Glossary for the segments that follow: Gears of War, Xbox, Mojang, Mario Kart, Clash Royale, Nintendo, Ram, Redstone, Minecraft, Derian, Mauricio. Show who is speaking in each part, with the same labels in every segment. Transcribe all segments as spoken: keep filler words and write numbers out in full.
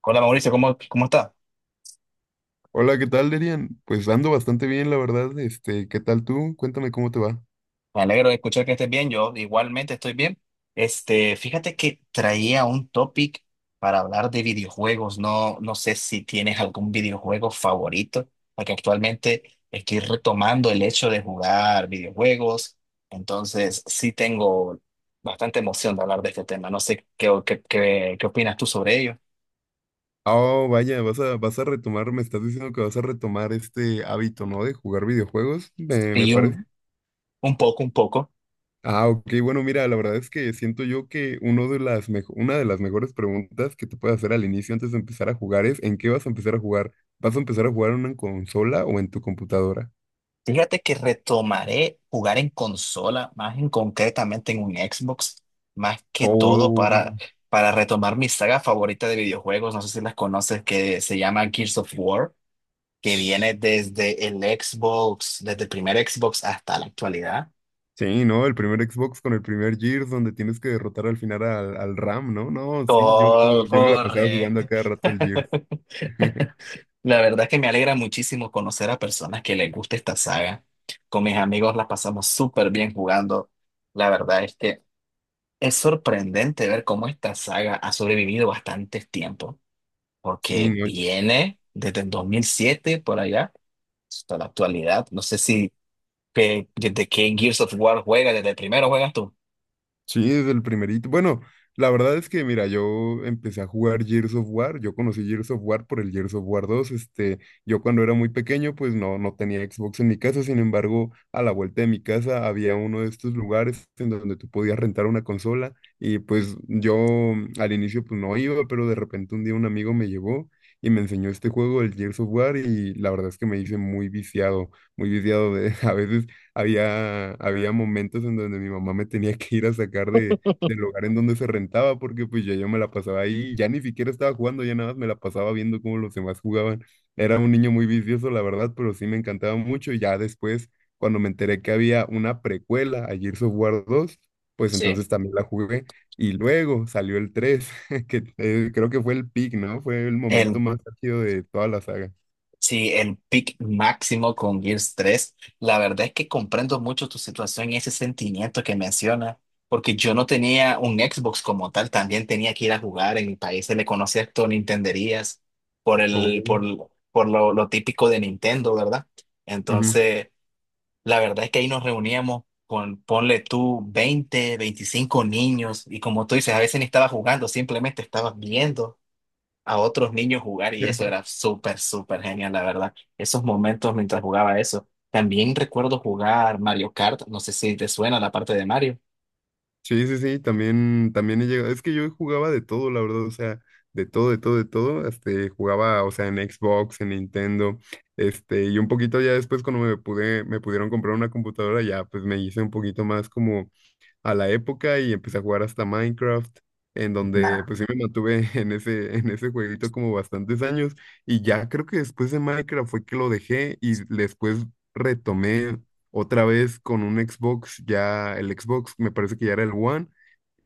Speaker 1: Hola Mauricio, ¿cómo, cómo está?
Speaker 2: Hola, ¿qué tal, Derian? Pues ando bastante bien, la verdad. Este, ¿qué tal tú? Cuéntame cómo te va.
Speaker 1: Me alegro de escuchar que estés bien, yo igualmente estoy bien. Este, fíjate que traía un topic para hablar de videojuegos. No, no sé si tienes algún videojuego favorito, porque actualmente estoy retomando el hecho de jugar videojuegos. Entonces, sí tengo bastante emoción de hablar de este tema. No sé qué, qué, qué, qué opinas tú sobre ello.
Speaker 2: Oh, vaya, vas a, vas a retomar, me estás diciendo que vas a retomar este hábito, ¿no? De jugar videojuegos, me, me
Speaker 1: Y un,
Speaker 2: parece.
Speaker 1: un poco, un poco.
Speaker 2: Ah, ok, bueno, mira, la verdad es que siento yo que uno de las mejo- una de las mejores preguntas que te puedes hacer al inicio antes de empezar a jugar es ¿en qué vas a empezar a jugar? ¿Vas a empezar a jugar en una consola o en tu computadora?
Speaker 1: Fíjate que retomaré jugar en consola, más en concretamente en un Xbox, más que todo
Speaker 2: Oh.
Speaker 1: para, para retomar mi saga favorita de videojuegos, no sé si las conoces, que se llama Gears of War, que viene desde el Xbox, desde el primer Xbox hasta la actualidad.
Speaker 2: Sí, ¿no? El primer Xbox con el primer Gears donde tienes que derrotar al final al, al Ram, ¿no? No, sí, yo,
Speaker 1: Todo
Speaker 2: yo me la pasaba jugando a
Speaker 1: correcto.
Speaker 2: cada rato el Gears.
Speaker 1: La verdad es que me alegra muchísimo conocer a personas que les gusta esta saga. Con mis amigos la pasamos súper bien jugando. La verdad es que… Es sorprendente ver cómo esta saga ha sobrevivido bastante tiempo,
Speaker 2: Sí,
Speaker 1: porque
Speaker 2: no.
Speaker 1: viene desde el dos mil siete por allá hasta la actualidad. No sé si que- desde qué Gears of War juega, desde el primero juegas tú.
Speaker 2: Sí, desde el primerito. Bueno, la verdad es que, mira, yo empecé a jugar Gears of War. Yo conocí Gears of War por el Gears of War dos. Este, yo cuando era muy pequeño, pues no, no tenía Xbox en mi casa. Sin embargo, a la vuelta de mi casa había uno de estos lugares en donde tú podías rentar una consola. Y pues yo mm, al inicio pues no iba, pero de repente un día un amigo me llevó y me enseñó este juego, el Gears of War, y la verdad es que me hice muy viciado, muy viciado de a veces. Había, había momentos en donde mi mamá me tenía que ir a sacar de, del lugar en donde se rentaba, porque pues ya yo me la pasaba ahí, ya ni siquiera estaba jugando, ya nada más me la pasaba viendo cómo los demás jugaban. Era un niño muy vicioso, la verdad, pero sí me encantaba mucho. Y ya después, cuando me enteré que había una precuela a Gears of War dos pues
Speaker 1: Sí.
Speaker 2: entonces también la jugué. Y luego salió el tres que eh, creo que fue el peak, ¿no? Fue el momento
Speaker 1: El
Speaker 2: más ácido de toda la saga.
Speaker 1: Sí, el pick máximo con Gears tres. La verdad es que comprendo mucho tu situación y ese sentimiento que mencionas, porque yo no tenía un Xbox como tal, también tenía que ir a jugar. En mi país se le conocía esto Nintenderías por el, por,
Speaker 2: Oh,
Speaker 1: por lo, lo típico de Nintendo, ¿verdad?
Speaker 2: ujú.
Speaker 1: Entonces, la verdad es que ahí nos reuníamos con, ponle tú, veinte, veinticinco niños, y como tú dices, a veces ni estaba jugando, simplemente estabas viendo a otros niños jugar y eso era súper, súper genial, la verdad. Esos momentos mientras jugaba eso. También recuerdo jugar Mario Kart, no sé si te suena la parte de Mario.
Speaker 2: Sí, sí, sí, también, también he llegado. Es que yo jugaba de todo, la verdad, o sea, de todo, de todo, de todo. Este, jugaba, o sea, en Xbox, en Nintendo, este, y un poquito ya después cuando me pude, me pudieron comprar una computadora, ya pues me hice un poquito más como a la época y empecé a jugar hasta Minecraft, en donde
Speaker 1: Nada
Speaker 2: pues sí me mantuve en ese, en ese jueguito como bastantes años y ya creo que después de Minecraft fue que lo dejé y después retomé otra vez con un Xbox, ya el Xbox me parece que ya era el One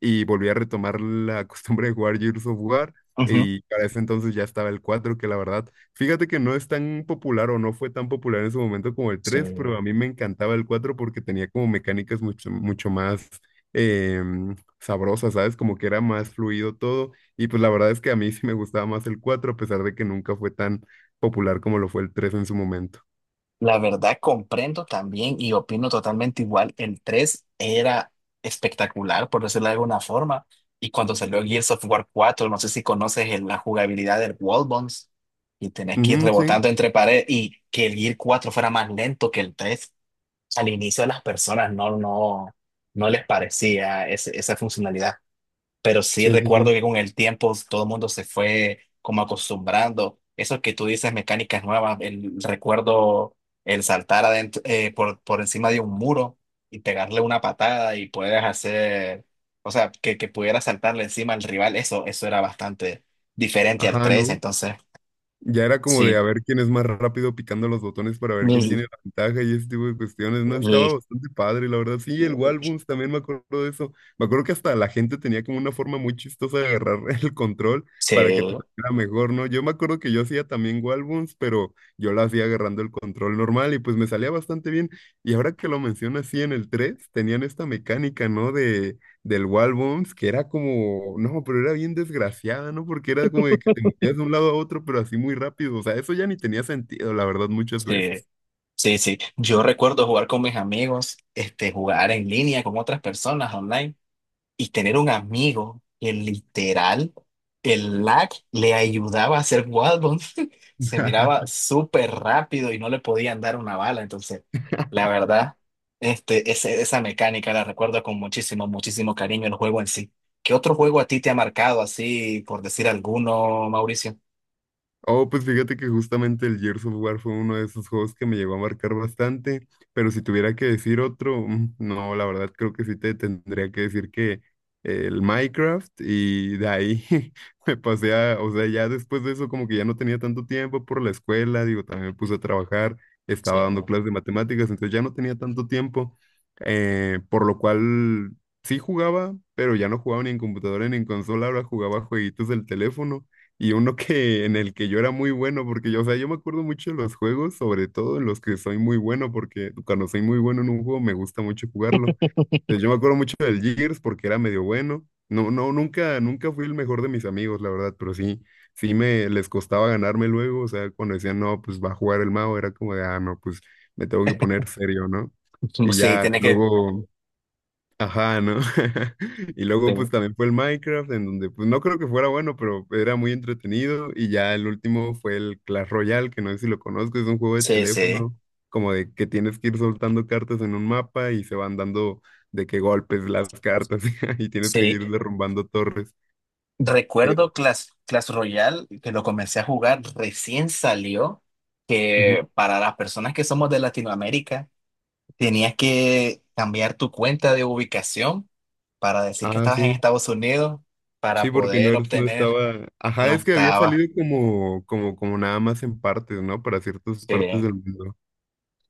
Speaker 2: y volví a retomar la costumbre de jugar Gears of War.
Speaker 1: Ujú.
Speaker 2: Y para ese entonces ya estaba el cuatro que la verdad, fíjate que no es tan popular o no fue tan popular en su momento como el
Speaker 1: Sí.
Speaker 2: tres pero a mí me encantaba el cuatro porque tenía como mecánicas mucho, mucho más em, sabrosas, ¿sabes? Como que era más fluido todo. Y pues la verdad es que a mí sí me gustaba más el cuatro a pesar de que nunca fue tan popular como lo fue el tres en su momento.
Speaker 1: La verdad comprendo también y opino totalmente igual. El tres era espectacular, por decirlo de alguna forma. Y cuando salió Gears of War cuatro, no sé si conoces el- la jugabilidad del Wall Bounce y tenés que ir
Speaker 2: Ujú, sí,
Speaker 1: rebotando entre paredes y que el Gear cuatro fuera más lento que el tres al inicio a las personas no, no, no les parecía ese- esa funcionalidad, pero sí
Speaker 2: sí, sí, sí.
Speaker 1: recuerdo que con el tiempo todo el mundo se fue como acostumbrando. Eso que tú dices, mecánicas nuevas, el recuerdo, el saltar adentro, eh, por, por encima de un muro y pegarle una patada y puedes hacer, o sea, que, que pudiera saltarle encima al rival, eso, eso era bastante diferente al
Speaker 2: Ajá,
Speaker 1: tres
Speaker 2: ¿no?
Speaker 1: entonces
Speaker 2: Ya era como
Speaker 1: sí.
Speaker 2: de a ver quién es más rápido picando los botones para ver quién
Speaker 1: Mm,
Speaker 2: tiene la ventaja y ese tipo de cuestiones, ¿no?
Speaker 1: mm,
Speaker 2: Estaba bastante padre, la verdad. Sí, el Walbums también me acuerdo de eso. Me acuerdo que hasta la gente tenía como una forma muy chistosa de agarrar el control para que te
Speaker 1: Sí,
Speaker 2: saliera mejor, ¿no? Yo me acuerdo que yo hacía también Walbums, pero yo la hacía agarrando el control normal y pues me salía bastante bien. Y ahora que lo mencionas, sí, en el tres tenían esta mecánica, ¿no? De del wall bounce que era como, no, pero era bien desgraciada, ¿no? Porque era como de que te movías de un lado a otro, pero así muy rápido. O sea, eso ya ni tenía sentido, la verdad, muchas
Speaker 1: sí.
Speaker 2: veces.
Speaker 1: Sí, sí. Yo recuerdo jugar con mis amigos, este, jugar en línea con otras personas online y tener un amigo que literal, el lag le ayudaba a hacer wall bounce. Se miraba súper rápido y no le podían dar una bala. Entonces, la verdad, este, ese- esa mecánica la recuerdo con muchísimo, muchísimo cariño el juego en sí. ¿Qué otro juego a ti te ha marcado así, por decir alguno, Mauricio?
Speaker 2: Oh, pues fíjate que justamente el Gears of War fue uno de esos juegos que me llegó a marcar bastante, pero si tuviera que decir otro, mm, no, la verdad creo que sí te tendría que decir que el Minecraft y de ahí me pasé a, o sea, ya después de eso como que ya no tenía tanto tiempo por la escuela, digo, también me puse a trabajar,
Speaker 1: Sí,
Speaker 2: estaba dando clases de matemáticas, entonces ya no tenía tanto tiempo, eh, por lo cual sí jugaba, pero ya no jugaba ni en computadora ni en consola, ahora jugaba jueguitos del teléfono. Y uno que en el que yo era muy bueno, porque yo, o sea, yo me acuerdo mucho de los juegos, sobre todo en los que soy muy bueno, porque cuando soy muy bueno en un juego me gusta mucho jugarlo. Entonces, yo me acuerdo mucho del Gears porque era medio bueno. No, no, nunca, nunca fui el mejor de mis amigos, la verdad, pero sí, sí me les costaba ganarme luego. O sea, cuando decían, no, pues va a jugar el mago, era como de, ah, no, pues me tengo que poner serio, ¿no? Y
Speaker 1: sí,
Speaker 2: ya
Speaker 1: tiene que…
Speaker 2: luego. Ajá, ¿no? Y luego pues también fue el Minecraft, en donde pues no creo que fuera bueno, pero era muy entretenido. Y ya el último fue el Clash Royale, que no sé si lo conozco, es un juego de
Speaker 1: Sí, sí.
Speaker 2: teléfono, como de que tienes que ir soltando cartas en un mapa y se van dando de qué golpes las cartas y tienes que
Speaker 1: Sí.
Speaker 2: ir derrumbando torres. Eh,
Speaker 1: Recuerdo Clash, Clash Royale, que lo comencé a jugar, recién salió,
Speaker 2: ujú.
Speaker 1: que para las personas que somos de Latinoamérica, tenías que cambiar tu cuenta de ubicación para decir que
Speaker 2: Ah,
Speaker 1: estabas en
Speaker 2: sí.
Speaker 1: Estados Unidos
Speaker 2: Sí,
Speaker 1: para
Speaker 2: porque no
Speaker 1: poder
Speaker 2: eres, no
Speaker 1: obtener,
Speaker 2: estaba. Ajá,
Speaker 1: no
Speaker 2: es que había
Speaker 1: estaba.
Speaker 2: salido como, como, como nada más en partes, ¿no? Para ciertas partes
Speaker 1: Sí.
Speaker 2: del mundo.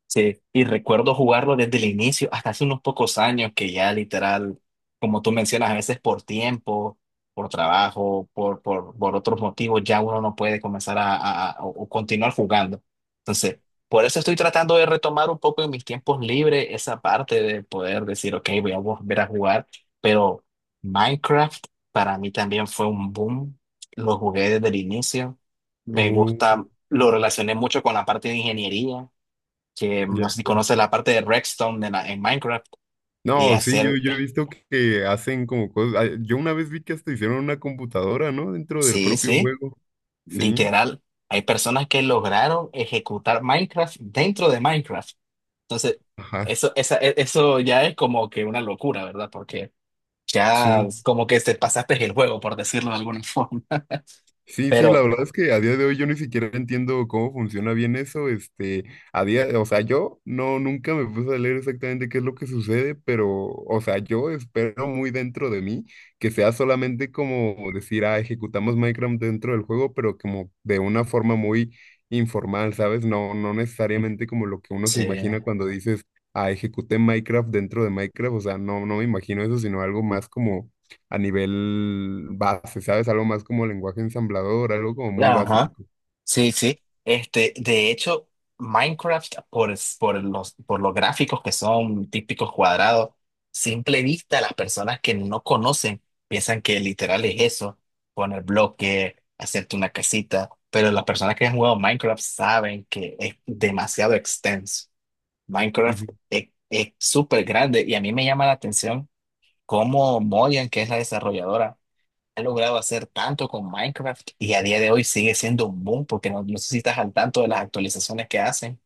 Speaker 1: Sí, y recuerdo jugarlo desde el inicio, hasta hace unos pocos años que ya literal, como tú mencionas, a veces por tiempo, por trabajo, por, por, por otros motivos, ya uno no puede comenzar a, a- a- o o continuar jugando. Entonces, por eso estoy tratando de retomar un poco en mis tiempos libres esa parte de poder decir, ok, voy a volver a jugar, pero Minecraft para mí también fue un boom, lo jugué desde el inicio, me
Speaker 2: Oh,
Speaker 1: gusta, lo relacioné mucho con la parte de ingeniería que
Speaker 2: ya.
Speaker 1: no sé si conoces la parte de Redstone en, la- en Minecraft y
Speaker 2: No, sí, yo,
Speaker 1: hacer,
Speaker 2: yo he visto que hacen como cosas. Ah, yo una vez vi que hasta hicieron una computadora, ¿no? Dentro del
Speaker 1: sí,
Speaker 2: propio
Speaker 1: sí,
Speaker 2: juego. Sí,
Speaker 1: literal, hay personas que lograron ejecutar Minecraft dentro de Minecraft. Entonces,
Speaker 2: ajá,
Speaker 1: eso, esa, e- eso ya es como que una locura, ¿verdad? Porque ya
Speaker 2: sí.
Speaker 1: es como que te pasaste el juego, por decirlo de alguna forma.
Speaker 2: Sí, sí, la
Speaker 1: Pero,
Speaker 2: verdad es que a día de hoy yo ni siquiera entiendo cómo funciona bien eso, este, a día, o sea, yo no, nunca me puse a leer exactamente qué es lo que sucede, pero, o sea, yo espero muy dentro de mí que sea solamente como decir, ah, ejecutamos Minecraft dentro del juego, pero como de una forma muy informal, ¿sabes? No, no necesariamente como lo que uno se
Speaker 1: sí.
Speaker 2: imagina cuando dices, ah, ejecuté Minecraft dentro de Minecraft, o sea, no, no me imagino eso, sino algo más como a nivel base, ¿sabes? Algo más como lenguaje ensamblador, algo como muy
Speaker 1: Ajá.
Speaker 2: básico.
Speaker 1: Sí, sí. Este, de hecho, Minecraft, por, es- por los, por los gráficos que son típicos cuadrados, simple vista, las personas que no conocen piensan que literal es eso, poner bloque, hacerte una casita, pero las personas que han jugado Minecraft saben que es demasiado extenso.
Speaker 2: Ujú.
Speaker 1: Minecraft es, es súper grande y a mí me llama la atención cómo Mojang que es la desarrolladora, ha logrado hacer tanto con Minecraft y a día de hoy sigue siendo un boom porque no, no sé si estás al tanto de las actualizaciones que hacen,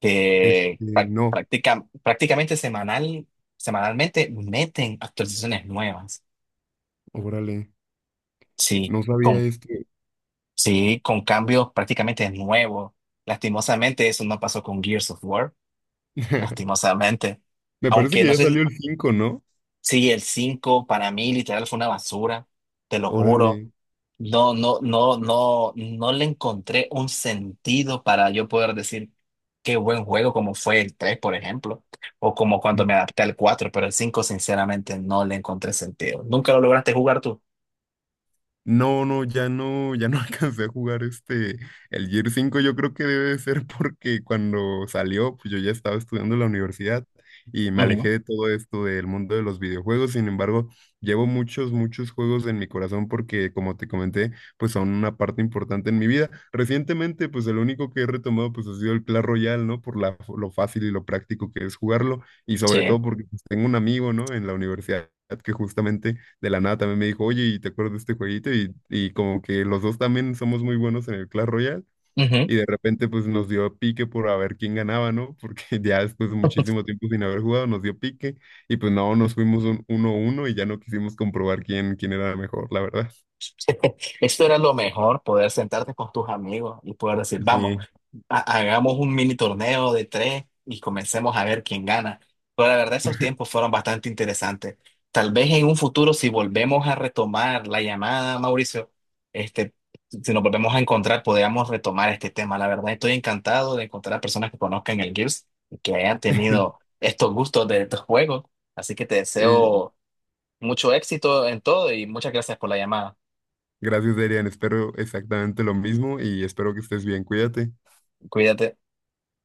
Speaker 1: que
Speaker 2: Este,
Speaker 1: prac-
Speaker 2: no,
Speaker 1: practica- prácticamente semanal, semanalmente meten actualizaciones nuevas,
Speaker 2: órale,
Speaker 1: sí,
Speaker 2: no sabía
Speaker 1: con,
Speaker 2: esto.
Speaker 1: sí, con cambios prácticamente nuevos. Lastimosamente eso no pasó con Gears of War, lastimosamente.
Speaker 2: Me parece
Speaker 1: Aunque
Speaker 2: que
Speaker 1: no
Speaker 2: ya salió
Speaker 1: sé
Speaker 2: el cinco, ¿no?
Speaker 1: Sí, el cinco para mí literal fue una basura, te lo
Speaker 2: Órale.
Speaker 1: juro. No, no, no, no, no le encontré un sentido para yo poder decir qué buen juego como fue el tres, por ejemplo, o como cuando me adapté al cuatro. Pero el cinco, sinceramente no le encontré sentido. ¿Nunca lo lograste jugar tú?
Speaker 2: No, no, ya no, ya no alcancé a jugar este, el Gear cinco. Yo creo que debe de ser porque cuando salió, pues yo ya estaba estudiando en la universidad y me alejé
Speaker 1: Ujú,
Speaker 2: de todo esto del mundo de los videojuegos. Sin embargo, llevo muchos, muchos juegos en mi corazón porque, como te comenté, pues son una parte importante en mi vida. Recientemente, pues el único que he retomado, pues ha sido el Clash Royale, ¿no? Por la, lo fácil y lo práctico que es jugarlo y
Speaker 1: Sí.
Speaker 2: sobre todo porque pues, tengo un amigo, ¿no? En la universidad que justamente de la nada también me dijo, oye, ¿y te acuerdas de este jueguito? Y, y como que los dos también somos muy buenos en el Clash Royale.
Speaker 1: Ujú.
Speaker 2: Y de repente pues nos dio pique por a ver quién ganaba, ¿no? Porque ya después de muchísimo tiempo sin haber jugado nos dio pique y pues no, nos fuimos un uno uno y ya no quisimos comprobar quién, quién era mejor, la verdad.
Speaker 1: Esto era lo mejor, poder sentarte con tus amigos y poder decir, vamos.
Speaker 2: Sí.
Speaker 1: ha- hagamos un mini torneo de tres y comencemos a ver quién gana. Pero la verdad, esos tiempos fueron bastante interesantes. Tal vez en un futuro, si volvemos a retomar la llamada, Mauricio, este, si nos volvemos a encontrar, podríamos retomar este tema. La verdad, estoy encantado de encontrar a personas que conozcan el Gears y que hayan tenido estos gustos de estos juegos. Así que te
Speaker 2: Sí,
Speaker 1: deseo mucho éxito en todo y muchas gracias por la llamada.
Speaker 2: Gracias, Darian. Espero exactamente lo mismo y espero que estés bien. Cuídate.
Speaker 1: Cuídate.